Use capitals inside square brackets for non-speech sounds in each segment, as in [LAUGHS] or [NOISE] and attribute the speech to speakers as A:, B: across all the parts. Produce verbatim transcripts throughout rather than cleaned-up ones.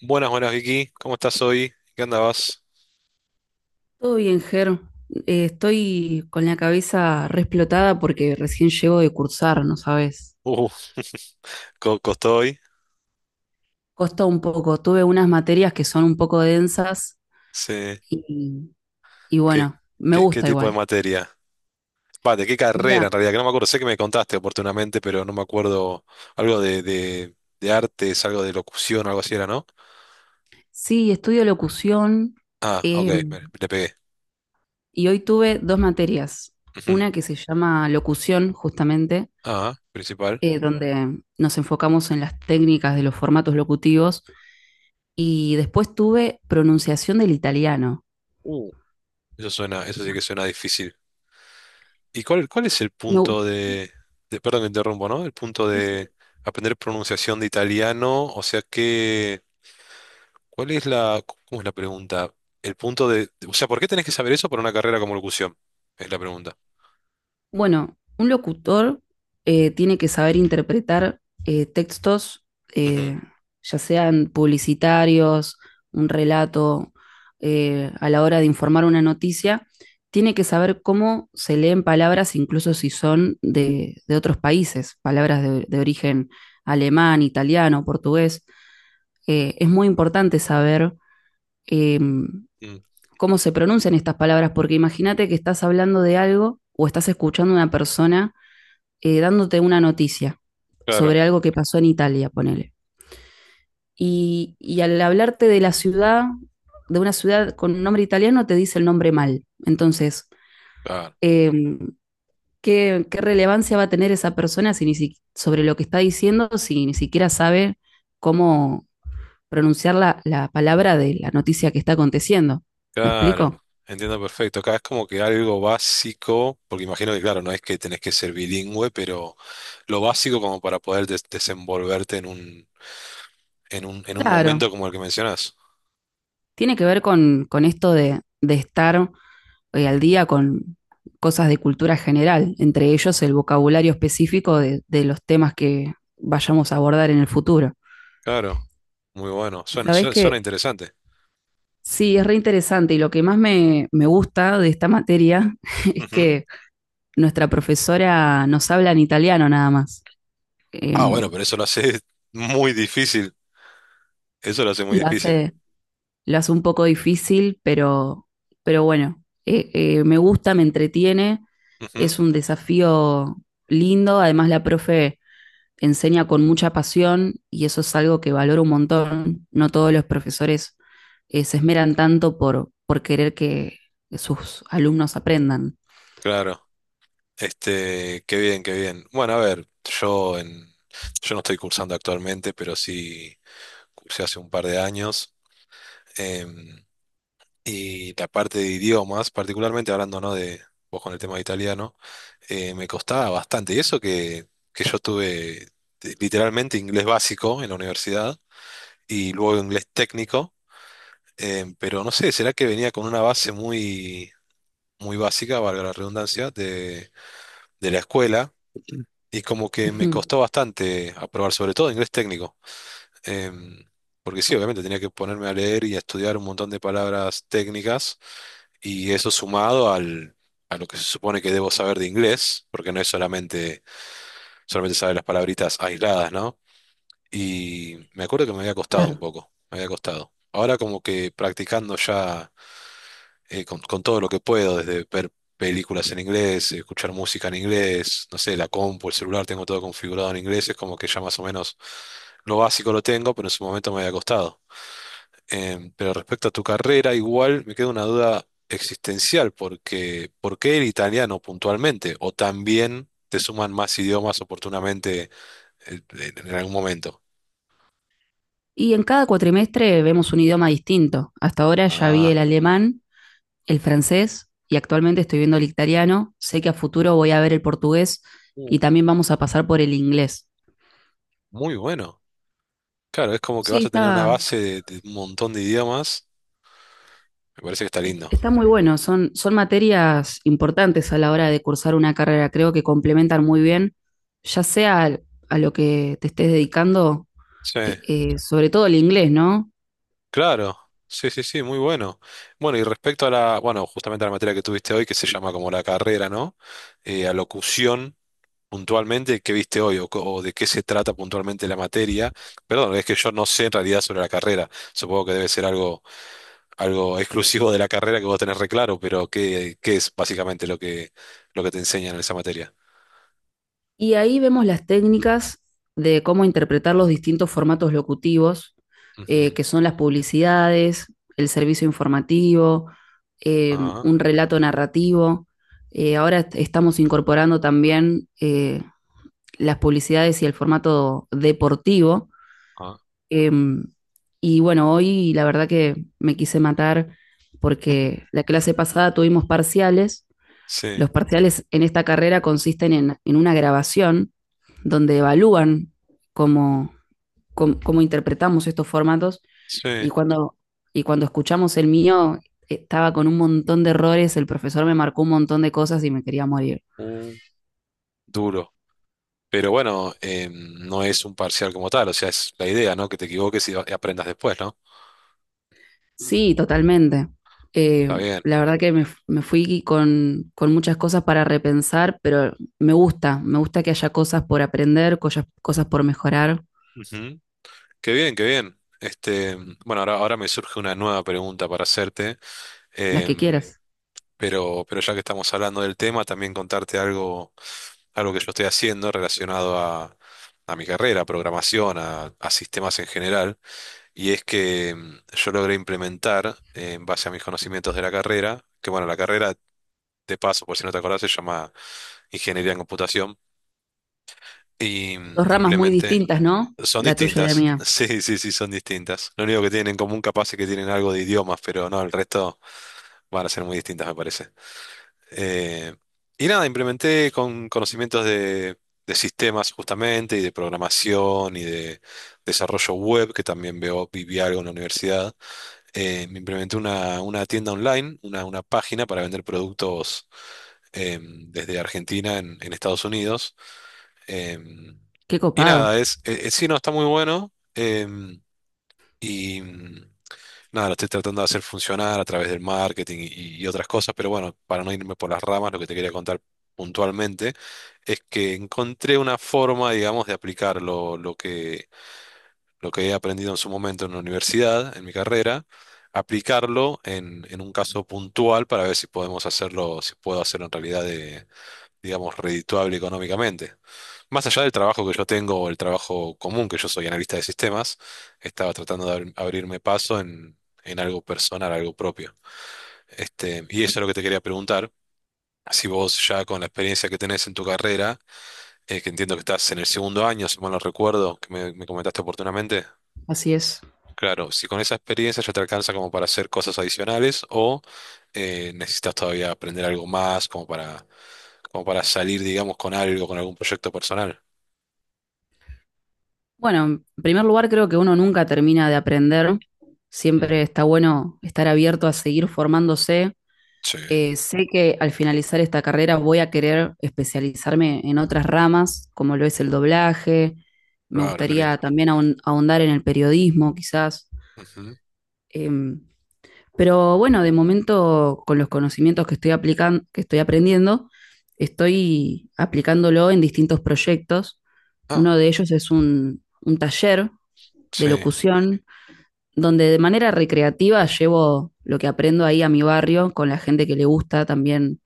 A: Buenas, buenas Vicky, ¿cómo estás hoy? ¿Qué andabas?
B: Todo bien, Ger. Eh, estoy con la cabeza re explotada porque recién llego de cursar, ¿no sabes?
A: Uh, co- costó hoy.
B: Costó un poco. Tuve unas materias que son un poco densas
A: Sí.
B: y, y
A: ¿Qué,
B: bueno, me
A: qué, qué
B: gusta
A: tipo de
B: igual.
A: materia? Va, ¿de qué carrera
B: Mira,
A: en realidad? Que no me acuerdo, sé que me contaste oportunamente, pero no me acuerdo algo de, de, de artes, algo de locución, algo así era, ¿no?
B: sí, estudio locución
A: Ah, ok,
B: eh,
A: me- le pegué.
B: y hoy tuve dos materias.
A: Ujú.
B: Una que se llama locución, justamente,
A: Ah, principal.
B: eh, donde nos enfocamos en las técnicas de los formatos locutivos y después tuve pronunciación del italiano.
A: Uh, Eso suena, eso sí que suena difícil. ¿Y cuál, cuál es el
B: Me gu-
A: punto de, de- perdón que interrumpo, ¿no? El punto de aprender pronunciación de italiano, o sea que. ¿Cuál es la, Cómo es la pregunta? El punto de, o sea, ¿por qué tenés que saber eso para una carrera como locución? Es la pregunta.
B: Bueno, un locutor eh, tiene que saber interpretar eh, textos,
A: Ujú.
B: eh, ya sean publicitarios, un relato, eh, a la hora de informar una noticia, tiene que saber cómo se leen palabras, incluso si son de, de otros países, palabras de, de origen alemán, italiano, portugués. Eh, es muy importante saber eh,
A: Mm,
B: cómo se pronuncian estas palabras, porque imagínate que estás hablando de algo o estás escuchando a una persona eh, dándote una noticia
A: claro,
B: sobre algo que pasó en Italia, ponele. Y, y al hablarte de la ciudad, de una ciudad con un nombre italiano, te dice el nombre mal. Entonces,
A: claro,
B: eh, ¿qué, qué relevancia va a tener esa persona si ni si- sobre lo que está diciendo si ni siquiera sabe cómo pronunciar la, la palabra de la noticia que está aconteciendo? ¿Me
A: claro.
B: explico?
A: Entiendo perfecto. Acá es como que algo básico, porque imagino que, claro, no es que tenés que ser bilingüe, pero lo básico como para poder des- desenvolverte en un, en un, en un
B: Claro,
A: momento como el que mencionás.
B: tiene que ver con, con esto de, de estar eh, al día con cosas de cultura general, entre ellos el vocabulario específico de, de los temas que vayamos a abordar en el futuro.
A: Claro, muy bueno.
B: ¿Y
A: Suena,
B: sabés
A: suena, suena
B: que
A: interesante.
B: sí? Es re interesante y lo que más me, me gusta de esta materia [LAUGHS] es
A: Ujú.
B: que nuestra profesora nos habla en italiano nada más. Eh,
A: Ah, bueno, pero eso lo hace [LAUGHS] muy difícil. Eso lo hace muy
B: lo
A: difícil.
B: hace lo hace un poco difícil, pero, pero bueno, eh, eh, me gusta, me entretiene,
A: Ujú.
B: es un desafío lindo, además la profe enseña con mucha pasión y eso es algo que valoro un montón, no todos los profesores eh, se esmeran tanto por, por querer que sus alumnos aprendan.
A: Claro. Este, qué bien, qué bien. Bueno, a ver, yo en, yo no estoy cursando actualmente, pero sí cursé hace un par de años. em, y la parte de idiomas, particularmente hablando, ¿no? De vos con el tema de italiano, eh, me costaba bastante. Y eso que, que yo tuve eh, literalmente inglés básico en la universidad y luego inglés técnico. Em, pero no sé, ¿será que venía con una base muy, muy básica, valga la redundancia, de, de la escuela? Y como
B: Uh
A: que me
B: -huh,
A: costó bastante aprobar, sobre todo inglés técnico. Em, Porque sí, obviamente tenía que ponerme a leer y a estudiar un montón de palabras técnicas, y eso sumado al, a lo que se supone que debo saber de inglés, porque no es solamente, solamente saber las palabritas aisladas, ¿no? Y me acuerdo que me había costado un
B: claro.
A: poco, me había costado. Ahora como que practicando ya, eh, con, con todo lo que puedo, desde ver películas en inglés, escuchar música en inglés, no sé, la compu, el celular, tengo todo configurado en inglés. Es como que ya más o menos lo básico lo tengo, pero en su momento me había costado. Em, pero respecto a tu carrera, igual me queda una duda existencial, porque ¿por qué el italiano puntualmente? ¿O también te suman más idiomas oportunamente, eh, en, en algún momento?
B: Y en cada cuatrimestre vemos un idioma distinto. Hasta ahora ya vi
A: Ah,
B: el alemán, el francés y actualmente estoy viendo el italiano. Sé que a futuro voy a ver el portugués
A: uh,
B: y también vamos a pasar por el inglés.
A: muy bueno. Claro, es como que
B: Sí,
A: vas a tener una
B: está,
A: base de de un montón de idiomas. Me parece que está lindo.
B: está muy bueno. Son, son materias importantes a la hora de cursar una carrera. Creo que complementan muy bien, ya sea a lo que te estés dedicando,
A: Sí,
B: eh, eh, sobre todo el inglés, ¿no?
A: claro. Sí, sí, sí, muy bueno. Bueno, y respecto a la, bueno, justamente a la materia que tuviste hoy, que se llama como la carrera, ¿no? Eh, a locución, puntualmente, ¿qué viste hoy? O, co- o de qué se trata puntualmente la materia. Perdón, es que yo no sé en realidad sobre la carrera. Supongo que debe ser algo, algo exclusivo de la carrera que vos tenés reclaro, pero ¿qué, qué es básicamente lo que, lo que te enseñan en esa materia?
B: Y ahí vemos las técnicas de cómo interpretar los distintos formatos locutivos, eh,
A: Ujú.
B: que son las publicidades, el servicio informativo, eh,
A: Ah,
B: un relato narrativo. Eh, ahora estamos incorporando también eh, las publicidades y el formato deportivo.
A: ah,
B: Em, y bueno, hoy la verdad que me quise matar porque la clase pasada tuvimos parciales.
A: sí,
B: Los parciales en esta carrera consisten en, en una grabación donde evalúan cómo, cómo, cómo interpretamos estos formatos
A: sí.
B: y cuando, y cuando escuchamos el mío estaba con un montón de errores, el profesor me marcó un montón de cosas y me quería morir.
A: Uh, Duro. Pero bueno, eh, no es un parcial como tal, o sea, es la idea, ¿no? Que te equivoques y a- y aprendas después, ¿no?
B: Sí, totalmente. Eh,
A: Está bien.
B: la verdad que me, me fui con, con, muchas cosas para repensar, pero me gusta, me gusta que haya cosas por aprender, cosas, cosas por mejorar,
A: Ujú. Qué bien, qué bien. Este, bueno, ahora, ahora me surge una nueva pregunta para hacerte.
B: las que
A: em,
B: quieras.
A: pero, pero ya que estamos hablando del tema, también contarte algo, algo que yo estoy haciendo relacionado a, a mi carrera, a programación, a, a sistemas en general. Y es que em, yo logré implementar, eh, en base a mis conocimientos de la carrera, que bueno, la carrera, de paso, por si no te acordás, se llama ingeniería en computación, y mm,
B: Dos ramas muy
A: implementé...
B: distintas, ¿no?
A: Son
B: La tuya y la
A: distintas, [LAUGHS]
B: mía.
A: sí, sí, sí, son distintas. Lo único que tienen en común capaz es que tienen algo de idiomas, pero no, el resto van a ser muy distintas, me parece. Eh, y nada, implementé con conocimientos de, de sistemas justamente, y de programación, y de desarrollo web, que también veo, viví algo en la universidad. Eh, me implementé una, una tienda online, una, una página para vender productos, em, desde Argentina en, en Estados Unidos. Em,
B: Qué
A: y
B: copado.
A: nada, es, eh, eh, sí, no, está muy bueno. Em, y mm, nada, lo estoy tratando de hacer funcionar a través del marketing y, y otras cosas, pero bueno, para no irme por las ramas, lo que te quería contar puntualmente es que encontré una forma, digamos, de aplicar lo, lo que, lo que he aprendido en su momento en la universidad, en mi carrera, aplicarlo en, en un caso puntual para ver si podemos hacerlo, si puedo hacerlo en realidad, digamos, redituable económicamente. Más allá del trabajo que yo tengo o el trabajo común, que yo soy analista de sistemas, estaba tratando de abri- abrirme paso en, en algo personal, algo propio. Este, y eso es lo que te quería preguntar. Si vos ya con la experiencia que tenés en tu carrera, eh, que entiendo que estás en el segundo año, si mal no recuerdo, que me, me comentaste oportunamente.
B: Así es.
A: Claro, si con esa experiencia ya te alcanza como para hacer cosas adicionales o eh, necesitas todavía aprender algo más como para, como para salir, digamos, con algo, con algún proyecto personal.
B: Bueno, en primer lugar, creo que uno nunca termina de aprender.
A: Mm,
B: Siempre está bueno estar abierto a seguir formándose.
A: sí,
B: Eh, sé que al finalizar esta carrera voy a querer especializarme en otras ramas, como lo es el doblaje. Me
A: claro, qué lindo.
B: gustaría también ahon- ahondar en el periodismo, quizás.
A: Ujú.
B: Em, Pero bueno, de momento, con los conocimientos que estoy aplicando, que estoy aprendiendo, estoy aplicándolo en distintos proyectos.
A: Ah,
B: Uno de ellos es un, un taller de
A: sí,
B: locución, donde de manera recreativa llevo lo que aprendo ahí a mi barrio, con la gente que le gusta también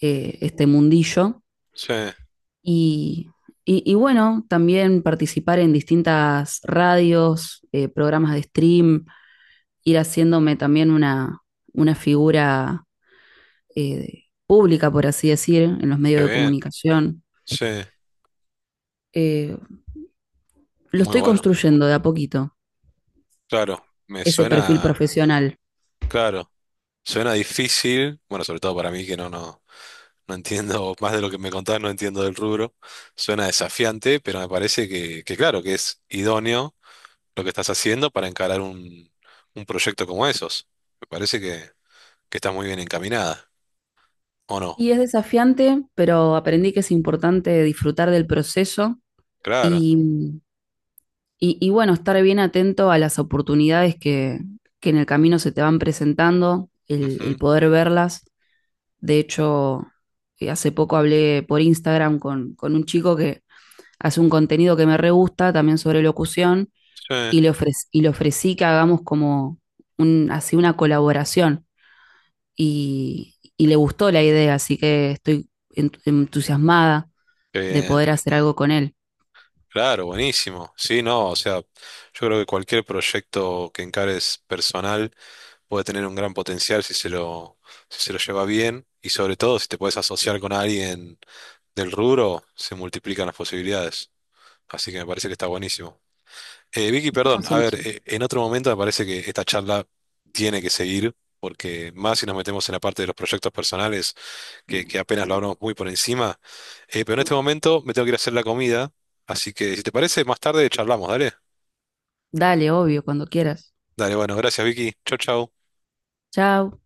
B: eh, este mundillo.
A: sí,
B: Y, y- y bueno, también participar en distintas radios, eh, programas de stream, ir haciéndome también una, una figura eh, pública, por así decir, en los
A: qué
B: medios de
A: bien,
B: comunicación.
A: sí,
B: Eh, lo
A: muy
B: estoy
A: bueno.
B: construyendo de a poquito,
A: Claro, me
B: ese perfil
A: suena,
B: profesional.
A: claro, suena difícil, bueno, sobre todo para mí que no, no, no entiendo [LAUGHS] más de lo que me contás, no entiendo del rubro. Suena desafiante, pero me parece que, que, claro, que es idóneo lo que estás haciendo para encarar un, un proyecto como esos. Me parece que, que estás muy bien encaminada, ¿o no?
B: Y es desafiante, pero aprendí que es importante disfrutar del proceso
A: Claro.
B: y, y, y bueno, estar bien atento a las oportunidades que, que en el camino se te van presentando, el,
A: Ujú.
B: el poder verlas. De hecho, eh, hace poco hablé por Instagram con, con un chico que hace un contenido que me re gusta también sobre locución
A: Sí,
B: y le ofrecí, y le ofrecí que hagamos como un, así una colaboración y, y le gustó la idea, así que estoy ent- entusiasmada
A: qué
B: de
A: bien.
B: poder hacer algo con él.
A: Claro, buenísimo. Sí, no, o sea, yo creo que cualquier proyecto que encares personal puede tener un gran potencial si se lo, si se lo lleva bien y sobre todo si te puedes asociar con alguien del rubro, se multiplican las posibilidades. Así que me parece que está buenísimo. Eh, Vicky, perdón,
B: Estamos
A: a
B: en
A: ver,
B: eso.
A: eh, en otro momento me parece que esta charla tiene que seguir, porque más si nos metemos en la parte de los proyectos personales, que, que apenas lo hablamos muy por encima. Eh, pero en este momento me tengo que ir a hacer la comida, así que si te parece, más tarde charlamos, dale.
B: Dale, obvio, cuando quieras.
A: Dale, bueno, gracias Vicky, chau, chau.
B: Chao.